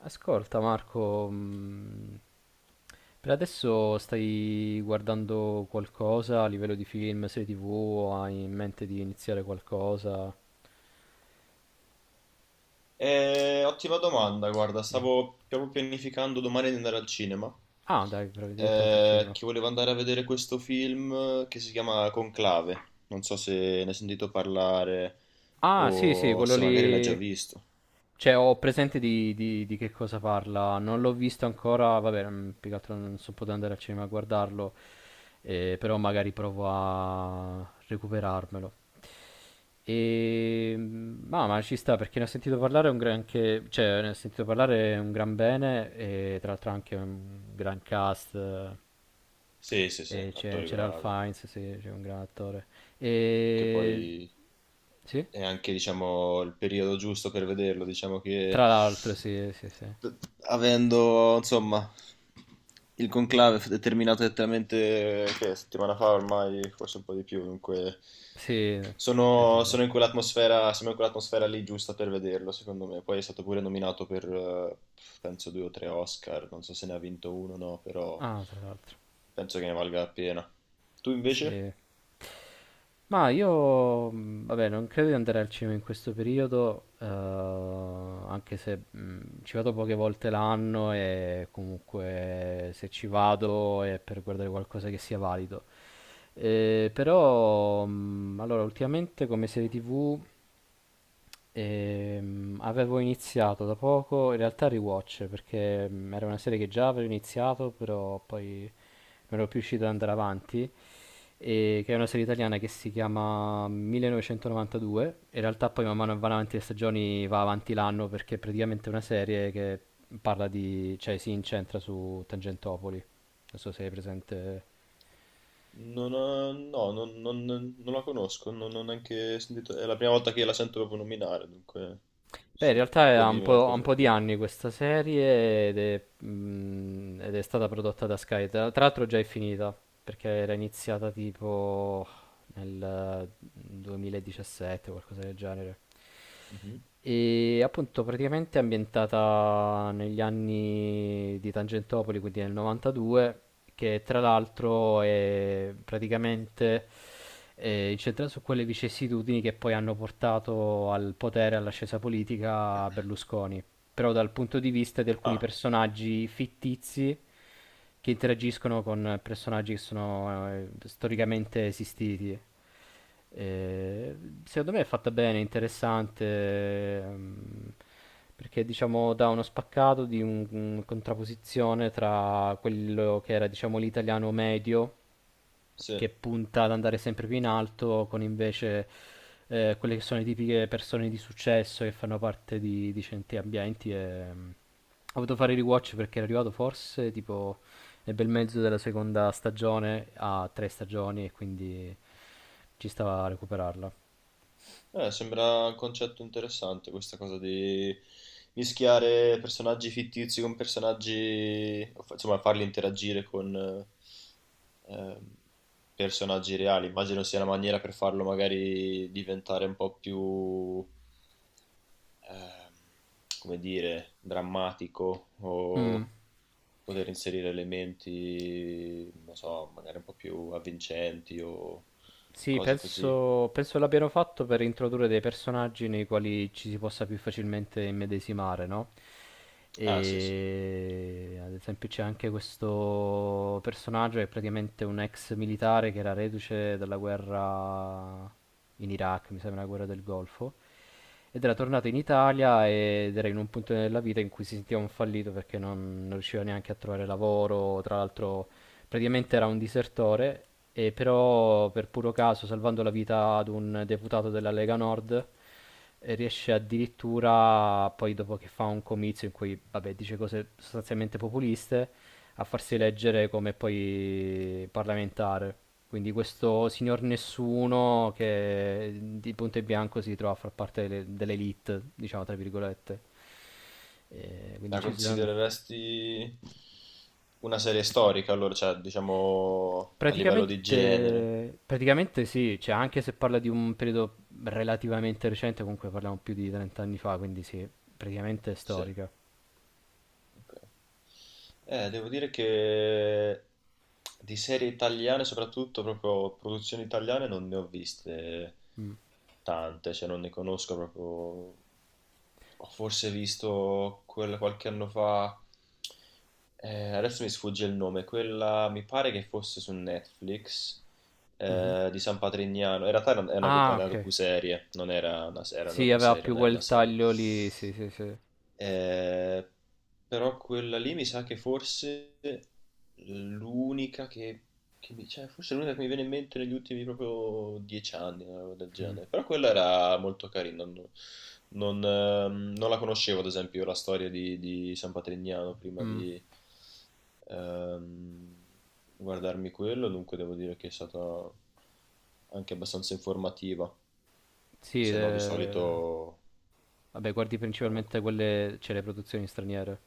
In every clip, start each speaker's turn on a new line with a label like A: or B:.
A: Ascolta Marco, per adesso stai guardando qualcosa a livello di film, serie TV, o hai in mente di iniziare qualcosa?
B: Ottima domanda, guarda,
A: Mm.
B: stavo proprio pianificando domani di andare al cinema,
A: Ah, dai, proprio direttamente al cinema.
B: che volevo andare a vedere questo film che si chiama Conclave. Non so se ne hai sentito parlare
A: Ah, sì, sì,
B: o
A: quello
B: se magari l'hai già
A: lì.
B: visto.
A: Cioè, ho presente di che cosa parla. Non l'ho visto ancora. Vabbè, più che altro non sono potuto andare al cinema a guardarlo. Però magari provo a recuperarmelo. E, ma ci sta perché ne ho sentito parlare cioè, ne ho sentito parlare un gran bene e tra l'altro anche un gran cast.
B: Sì, sì, sì,
A: E c'è,
B: attori
A: c'era Ralph
B: bravi.
A: Fiennes, sì, c'è un gran attore.
B: Che
A: E,
B: poi
A: sì?
B: è anche, diciamo, il periodo giusto per vederlo. Diciamo che
A: Tra l'altro, sì, sì, sì.
B: d- avendo, insomma, il conclave è terminato esattamente che settimana fa ormai, forse un po' di più, dunque
A: Sì, sì, sì,
B: sono,
A: sì.
B: sono in quell'atmosfera, siamo in quell'atmosfera lì giusta per vederlo, secondo me. Poi è stato pure nominato per, penso, due o tre Oscar, non so se ne ha vinto uno o no, però
A: Ah, tra l'altro.
B: penso che ne valga la pena. Tu invece?
A: Sì. Ma io, vabbè, non credo di andare al cinema in questo periodo, anche se ci vado poche volte l'anno e comunque se ci vado è per guardare qualcosa che sia valido. Però, allora, ultimamente come serie TV avevo iniziato da poco, in realtà Rewatch, perché era una serie che già avevo iniziato, però poi non ero più riuscito ad andare avanti che è una serie italiana che si chiama 1992. In realtà poi man mano che vanno avanti le stagioni va avanti l'anno perché è praticamente una serie che parla di, cioè si incentra su Tangentopoli. Non so se hai presente.
B: Non ho- no, non, non- Non la conosco, non ho neanche sentito, è la prima volta che la sento proprio nominare, dunque
A: Beh, in
B: se
A: realtà
B: puoi
A: ha un
B: dirmi
A: po', ha
B: qualcosa
A: un
B: in
A: po' di
B: più.
A: anni questa serie ed è stata prodotta da Sky. Tra l'altro già è finita perché era iniziata tipo nel 2017 o qualcosa del genere.
B: Mhm.
A: E appunto praticamente è ambientata negli anni di Tangentopoli, quindi nel 92, che tra l'altro è praticamente incentrata su quelle vicissitudini che poi hanno portato al potere e all'ascesa politica Berlusconi però dal punto di vista di alcuni
B: Ah,
A: personaggi fittizi che interagiscono con personaggi che sono storicamente esistiti. Eh, Secondo me è fatta bene, interessante, perché diciamo dà uno spaccato di contrapposizione tra quello che era diciamo l'italiano medio
B: sì.
A: che punta ad andare sempre più in alto, con invece quelle che sono le tipiche persone di successo che fanno parte di certi ambienti. E ho voluto fare il rewatch perché era arrivato forse tipo nel bel mezzo della seconda stagione a tre stagioni e quindi ci stava a recuperarla.
B: Sembra un concetto interessante questa cosa di mischiare personaggi fittizi con personaggi, insomma farli interagire con ehm, personaggi reali. Immagino sia una maniera per farlo magari diventare un po' più ehm, come dire, drammatico
A: Mm.
B: o poter inserire elementi, non so, magari un po' più avvincenti o
A: Sì,
B: cose così.
A: penso l'abbiano fatto per introdurre dei personaggi nei quali ci si possa più facilmente immedesimare, no?
B: Ah, sì, sì.
A: E ad esempio c'è anche questo personaggio che è praticamente un ex militare che era reduce dalla guerra in Iraq, mi sembra la guerra del Golfo, ed era
B: Mhm.
A: tornato in Italia ed era in un punto della vita in cui si sentiva un fallito perché non riusciva neanche a trovare lavoro, tra l'altro praticamente era un disertore, e però per puro caso, salvando la vita ad un deputato della Lega Nord, riesce addirittura, poi dopo che fa un comizio in cui, vabbè, dice cose sostanzialmente populiste, a farsi
B: Sì.
A: eleggere come poi parlamentare. Quindi questo signor nessuno che di punto in bianco si trova a far parte dell'elite, diciamo tra virgolette. Quindi
B: La
A: ci sono.
B: considereresti una serie storica, allora, cioè, diciamo a livello di genere.
A: Praticamente sì, cioè anche se parla di un periodo relativamente recente, comunque parliamo più di 30 anni fa, quindi sì, praticamente è
B: Sì.
A: storica.
B: Ok. Devo dire che di serie italiane, soprattutto proprio produzioni italiane, non ne ho viste
A: Mm,
B: tante, cioè non ne conosco proprio. Ho forse visto quella qualche anno fa, adesso mi sfugge il nome, quella mi pare che fosse su Netflix.
A: mhm.
B: Di San Patrignano, in realtà era era una, era
A: Ah,
B: una
A: ok.
B: docuserie, non era una, era una
A: Sì, aveva
B: docuserie,
A: più
B: non era una
A: quel
B: serie.
A: taglio lì, sì, sì, sì.
B: Ehm, Però quella lì mi sa che forse l'unica che mi, cioè forse l'unica che mi viene in mente negli ultimi proprio dieci anni, una roba del
A: Mm,
B: genere. Però quella era molto carina. Non la conoscevo, ad esempio, la storia di, San Patrignano prima
A: mm.
B: di ehm, guardarmi quello, dunque devo dire che è stata anche abbastanza informativa.
A: Sì,
B: Se no, di solito
A: vabbè, guardi
B: eh,
A: principalmente quelle, cioè le produzioni straniere.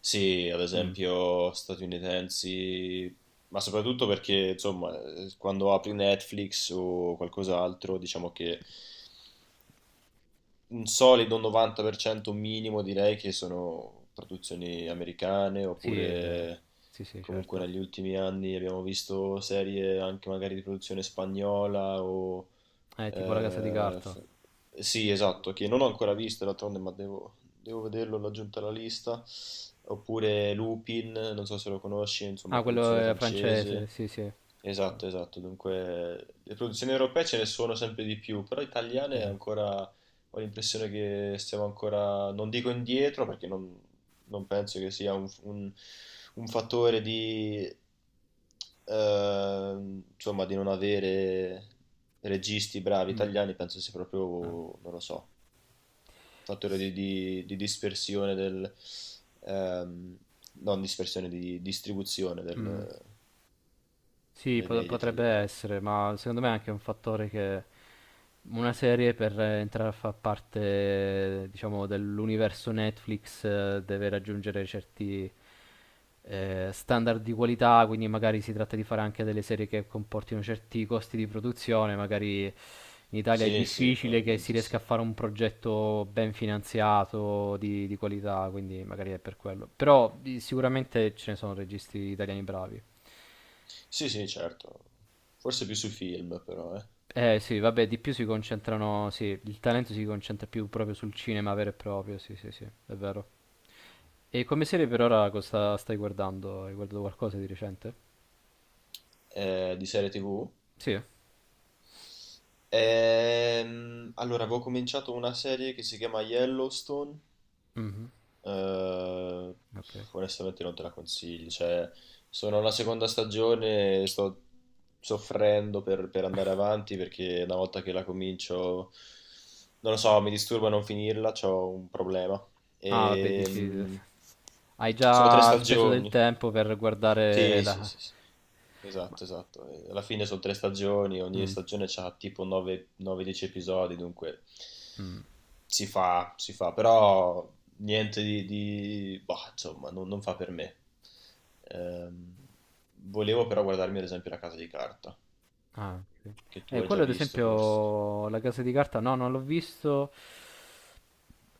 B: sì, ad
A: Mm.
B: esempio statunitensi, ma soprattutto perché, insomma, quando apri Netflix o qualcos'altro, diciamo che un solido 90% minimo direi che sono produzioni americane,
A: Sì, beh,
B: oppure
A: sì, sì,
B: comunque
A: certo.
B: negli ultimi anni abbiamo visto serie anche magari di produzione spagnola o
A: Tipo La Casa di
B: eh,
A: Carta.
B: f- sì, esatto, che non ho ancora visto d'altronde, ma devo vederlo, l'ho aggiunto alla lista. Oppure Lupin, non so se lo conosci, insomma,
A: Ah, quello
B: produzione
A: è francese,
B: francese.
A: sì, sì. Co-
B: Esatto, esatto. Dunque, le produzioni europee ce ne sono sempre di più, però italiane
A: Vero.
B: ancora ho l'impressione che stiamo ancora, non dico indietro, perché non penso che sia un fattore di, insomma, di non avere registi bravi
A: Mm.
B: italiani. Penso sia
A: Ah.
B: proprio, non lo so, un fattore
A: S-
B: di dispersione del, ehm, non dispersione, di distribuzione
A: mm. Sì,
B: dei
A: pot-
B: media
A: potrebbe
B: italiani.
A: essere, ma secondo me è anche un fattore che una serie per entrare a far parte, diciamo, dell'universo Netflix deve raggiungere certi standard di qualità, quindi magari si tratta di fare anche delle serie che comportino certi costi di produzione, magari in Italia è
B: Sì, sì,
A: difficile che si
B: probabilmente
A: riesca
B: sì.
A: a fare un progetto ben finanziato, di qualità, quindi magari è per quello. Però sicuramente ce ne sono registi italiani bravi.
B: Sì, sì, certo. Forse più sui film, però, eh.
A: Eh sì, vabbè, di più si concentrano, sì, il talento si concentra più proprio sul cinema vero e proprio, sì, sì, sì, è vero. E come serie per ora cosa stai guardando? Hai guardato qualcosa di recente?
B: Di serie TV.
A: Sì.
B: Allora, avevo cominciato una serie che si chiama Yellowstone.
A: Mhm.
B: eh,
A: Ok.
B: Onestamente non te la consiglio. Cioè, sono alla seconda stagione e sto soffrendo per andare avanti, perché una volta che la comincio, non lo so, mi disturba non finirla, ho un problema.
A: Ah, vabbè, dici,
B: Ehm,
A: hai
B: Sono tre
A: già speso del
B: stagioni.
A: tempo per guardare
B: Sì, sì,
A: la.
B: sì, sì.
A: Ma.
B: Esatto, esatto. Alla fine sono tre stagioni, ogni
A: Mm,
B: stagione ha tipo 9-10 episodi, dunque
A: mm.
B: si fa, però niente boh, insomma, non fa per me. Ehm, Volevo però guardarmi ad esempio La Casa di Carta,
A: Ah, ok.
B: che tu hai già
A: Quello ad
B: visto forse.
A: esempio, La Casa di Carta, no, non l'ho visto.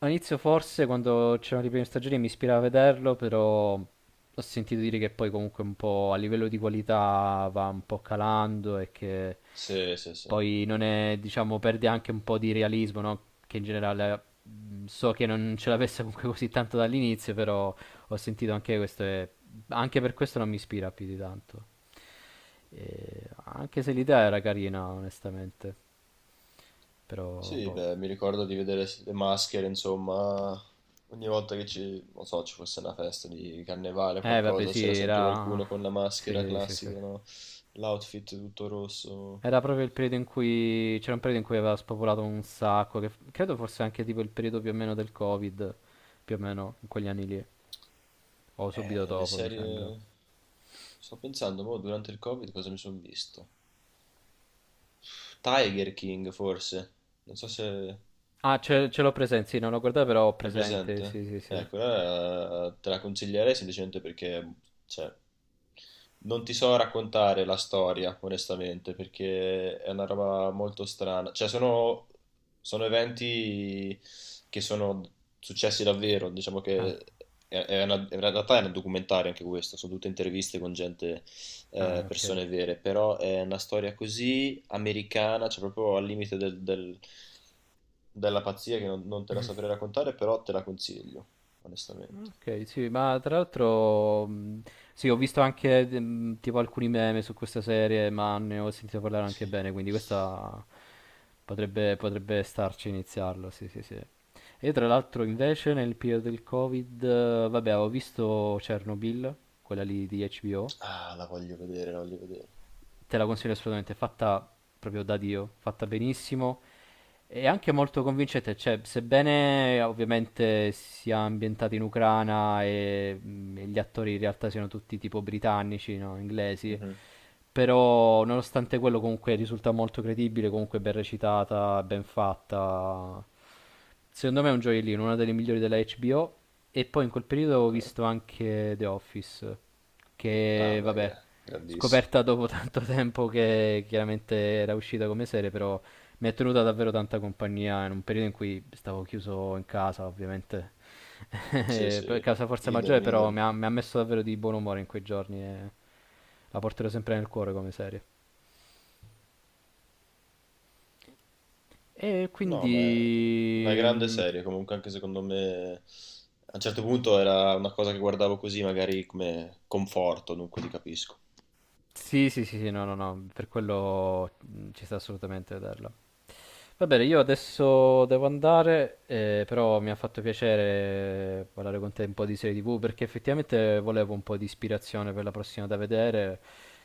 A: All'inizio forse quando c'erano le prime stagioni mi ispirava a vederlo, però ho sentito dire che poi comunque un po' a livello di qualità va un po' calando e che
B: Sì, sì, sì.
A: poi non è, diciamo, perde anche un po' di realismo, no? Che in generale so che non ce l'avesse comunque così tanto dall'inizio, però ho sentito anche questo e anche per questo non mi ispira più di tanto. E anche se l'idea era carina, onestamente, però
B: Sì,
A: boh.
B: beh, mi ricordo di vedere le maschere, insomma, ogni volta che ci, non so, ci fosse una festa di carnevale,
A: Eh vabbè
B: qualcosa,
A: sì,
B: c'era sempre
A: era.
B: qualcuno con la maschera
A: Sì, sì, sì.
B: classica, no? L'outfit tutto rosso.
A: Era proprio il periodo in cui. C'era un periodo in cui aveva spopolato un sacco, che credo fosse anche tipo il periodo più o meno del Covid, più o meno in quegli anni lì, o subito
B: Le
A: dopo mi sembra.
B: serie... Sto pensando, mo, durante il Covid cosa mi sono visto? Tiger King, forse. Non so se...
A: Ah, ce l'ho presente, sì, non l'ho guardato però ho
B: È
A: presente, sì,
B: presente?
A: sì, sì.
B: Quella te la consiglierei semplicemente perché, cioè, non ti so raccontare la storia, onestamente, perché è una roba molto strana. Cioè, sono eventi che sono successi davvero, diciamo
A: Ah,
B: che è in realtà è un documentario anche questo, sono tutte interviste con gente
A: ah, ok.
B: persone vere, però è una storia così americana, cioè proprio al limite della pazzia che non te la saprei raccontare, però te la consiglio, onestamente.
A: Ok, sì, ma tra l'altro, sì, ho visto anche tipo alcuni meme su questa serie, ma ne ho sentito parlare anche bene, quindi
B: Sì.
A: questa potrebbe starci a iniziarlo, sì, sì, sì. E tra l'altro invece nel periodo del Covid, vabbè, ho visto Chernobyl, quella lì di HBO,
B: Ah, la voglio vedere, la voglio vedere.
A: te la consiglio assolutamente, è fatta proprio da Dio, fatta benissimo e anche molto convincente, cioè, sebbene ovviamente sia ambientata in Ucraina e gli attori in realtà siano tutti tipo britannici, no? inglesi,
B: Mhm.
A: però nonostante quello comunque risulta molto credibile, comunque ben recitata, ben fatta. Secondo me è un gioiellino, una delle migliori della HBO. E poi in quel periodo avevo
B: Ok.
A: visto anche The Office,
B: Ah,
A: che
B: beh,
A: vabbè,
B: grandissimo.
A: scoperta dopo tanto tempo che chiaramente era uscita come serie, però mi è tenuta davvero tanta compagnia in un periodo in cui stavo chiuso in casa, ovviamente,
B: Sì,
A: per
B: sì,
A: causa forza maggiore,
B: idem,
A: però mi
B: idem.
A: ha, mi ha messo davvero di buon umore in quei giorni e la porterò sempre nel cuore come serie. E
B: No, ma è una
A: quindi...
B: grande
A: mm,
B: serie, comunque anche secondo me... A un certo punto era una cosa che guardavo così, magari come conforto, dunque ti capisco.
A: Sì, sì, sì, sì, no, no, no, per quello ci sta assolutamente a vederla. Va bene, io adesso devo andare, però mi ha fatto piacere parlare con te un po' di serie TV perché effettivamente volevo un po' di ispirazione per la prossima da vedere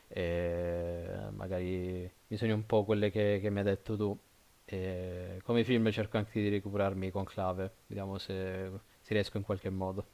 A: e magari mi sogno un po' quelle che mi hai detto tu. E come film cerco anche di recuperarmi con Clave, vediamo se riesco in qualche modo.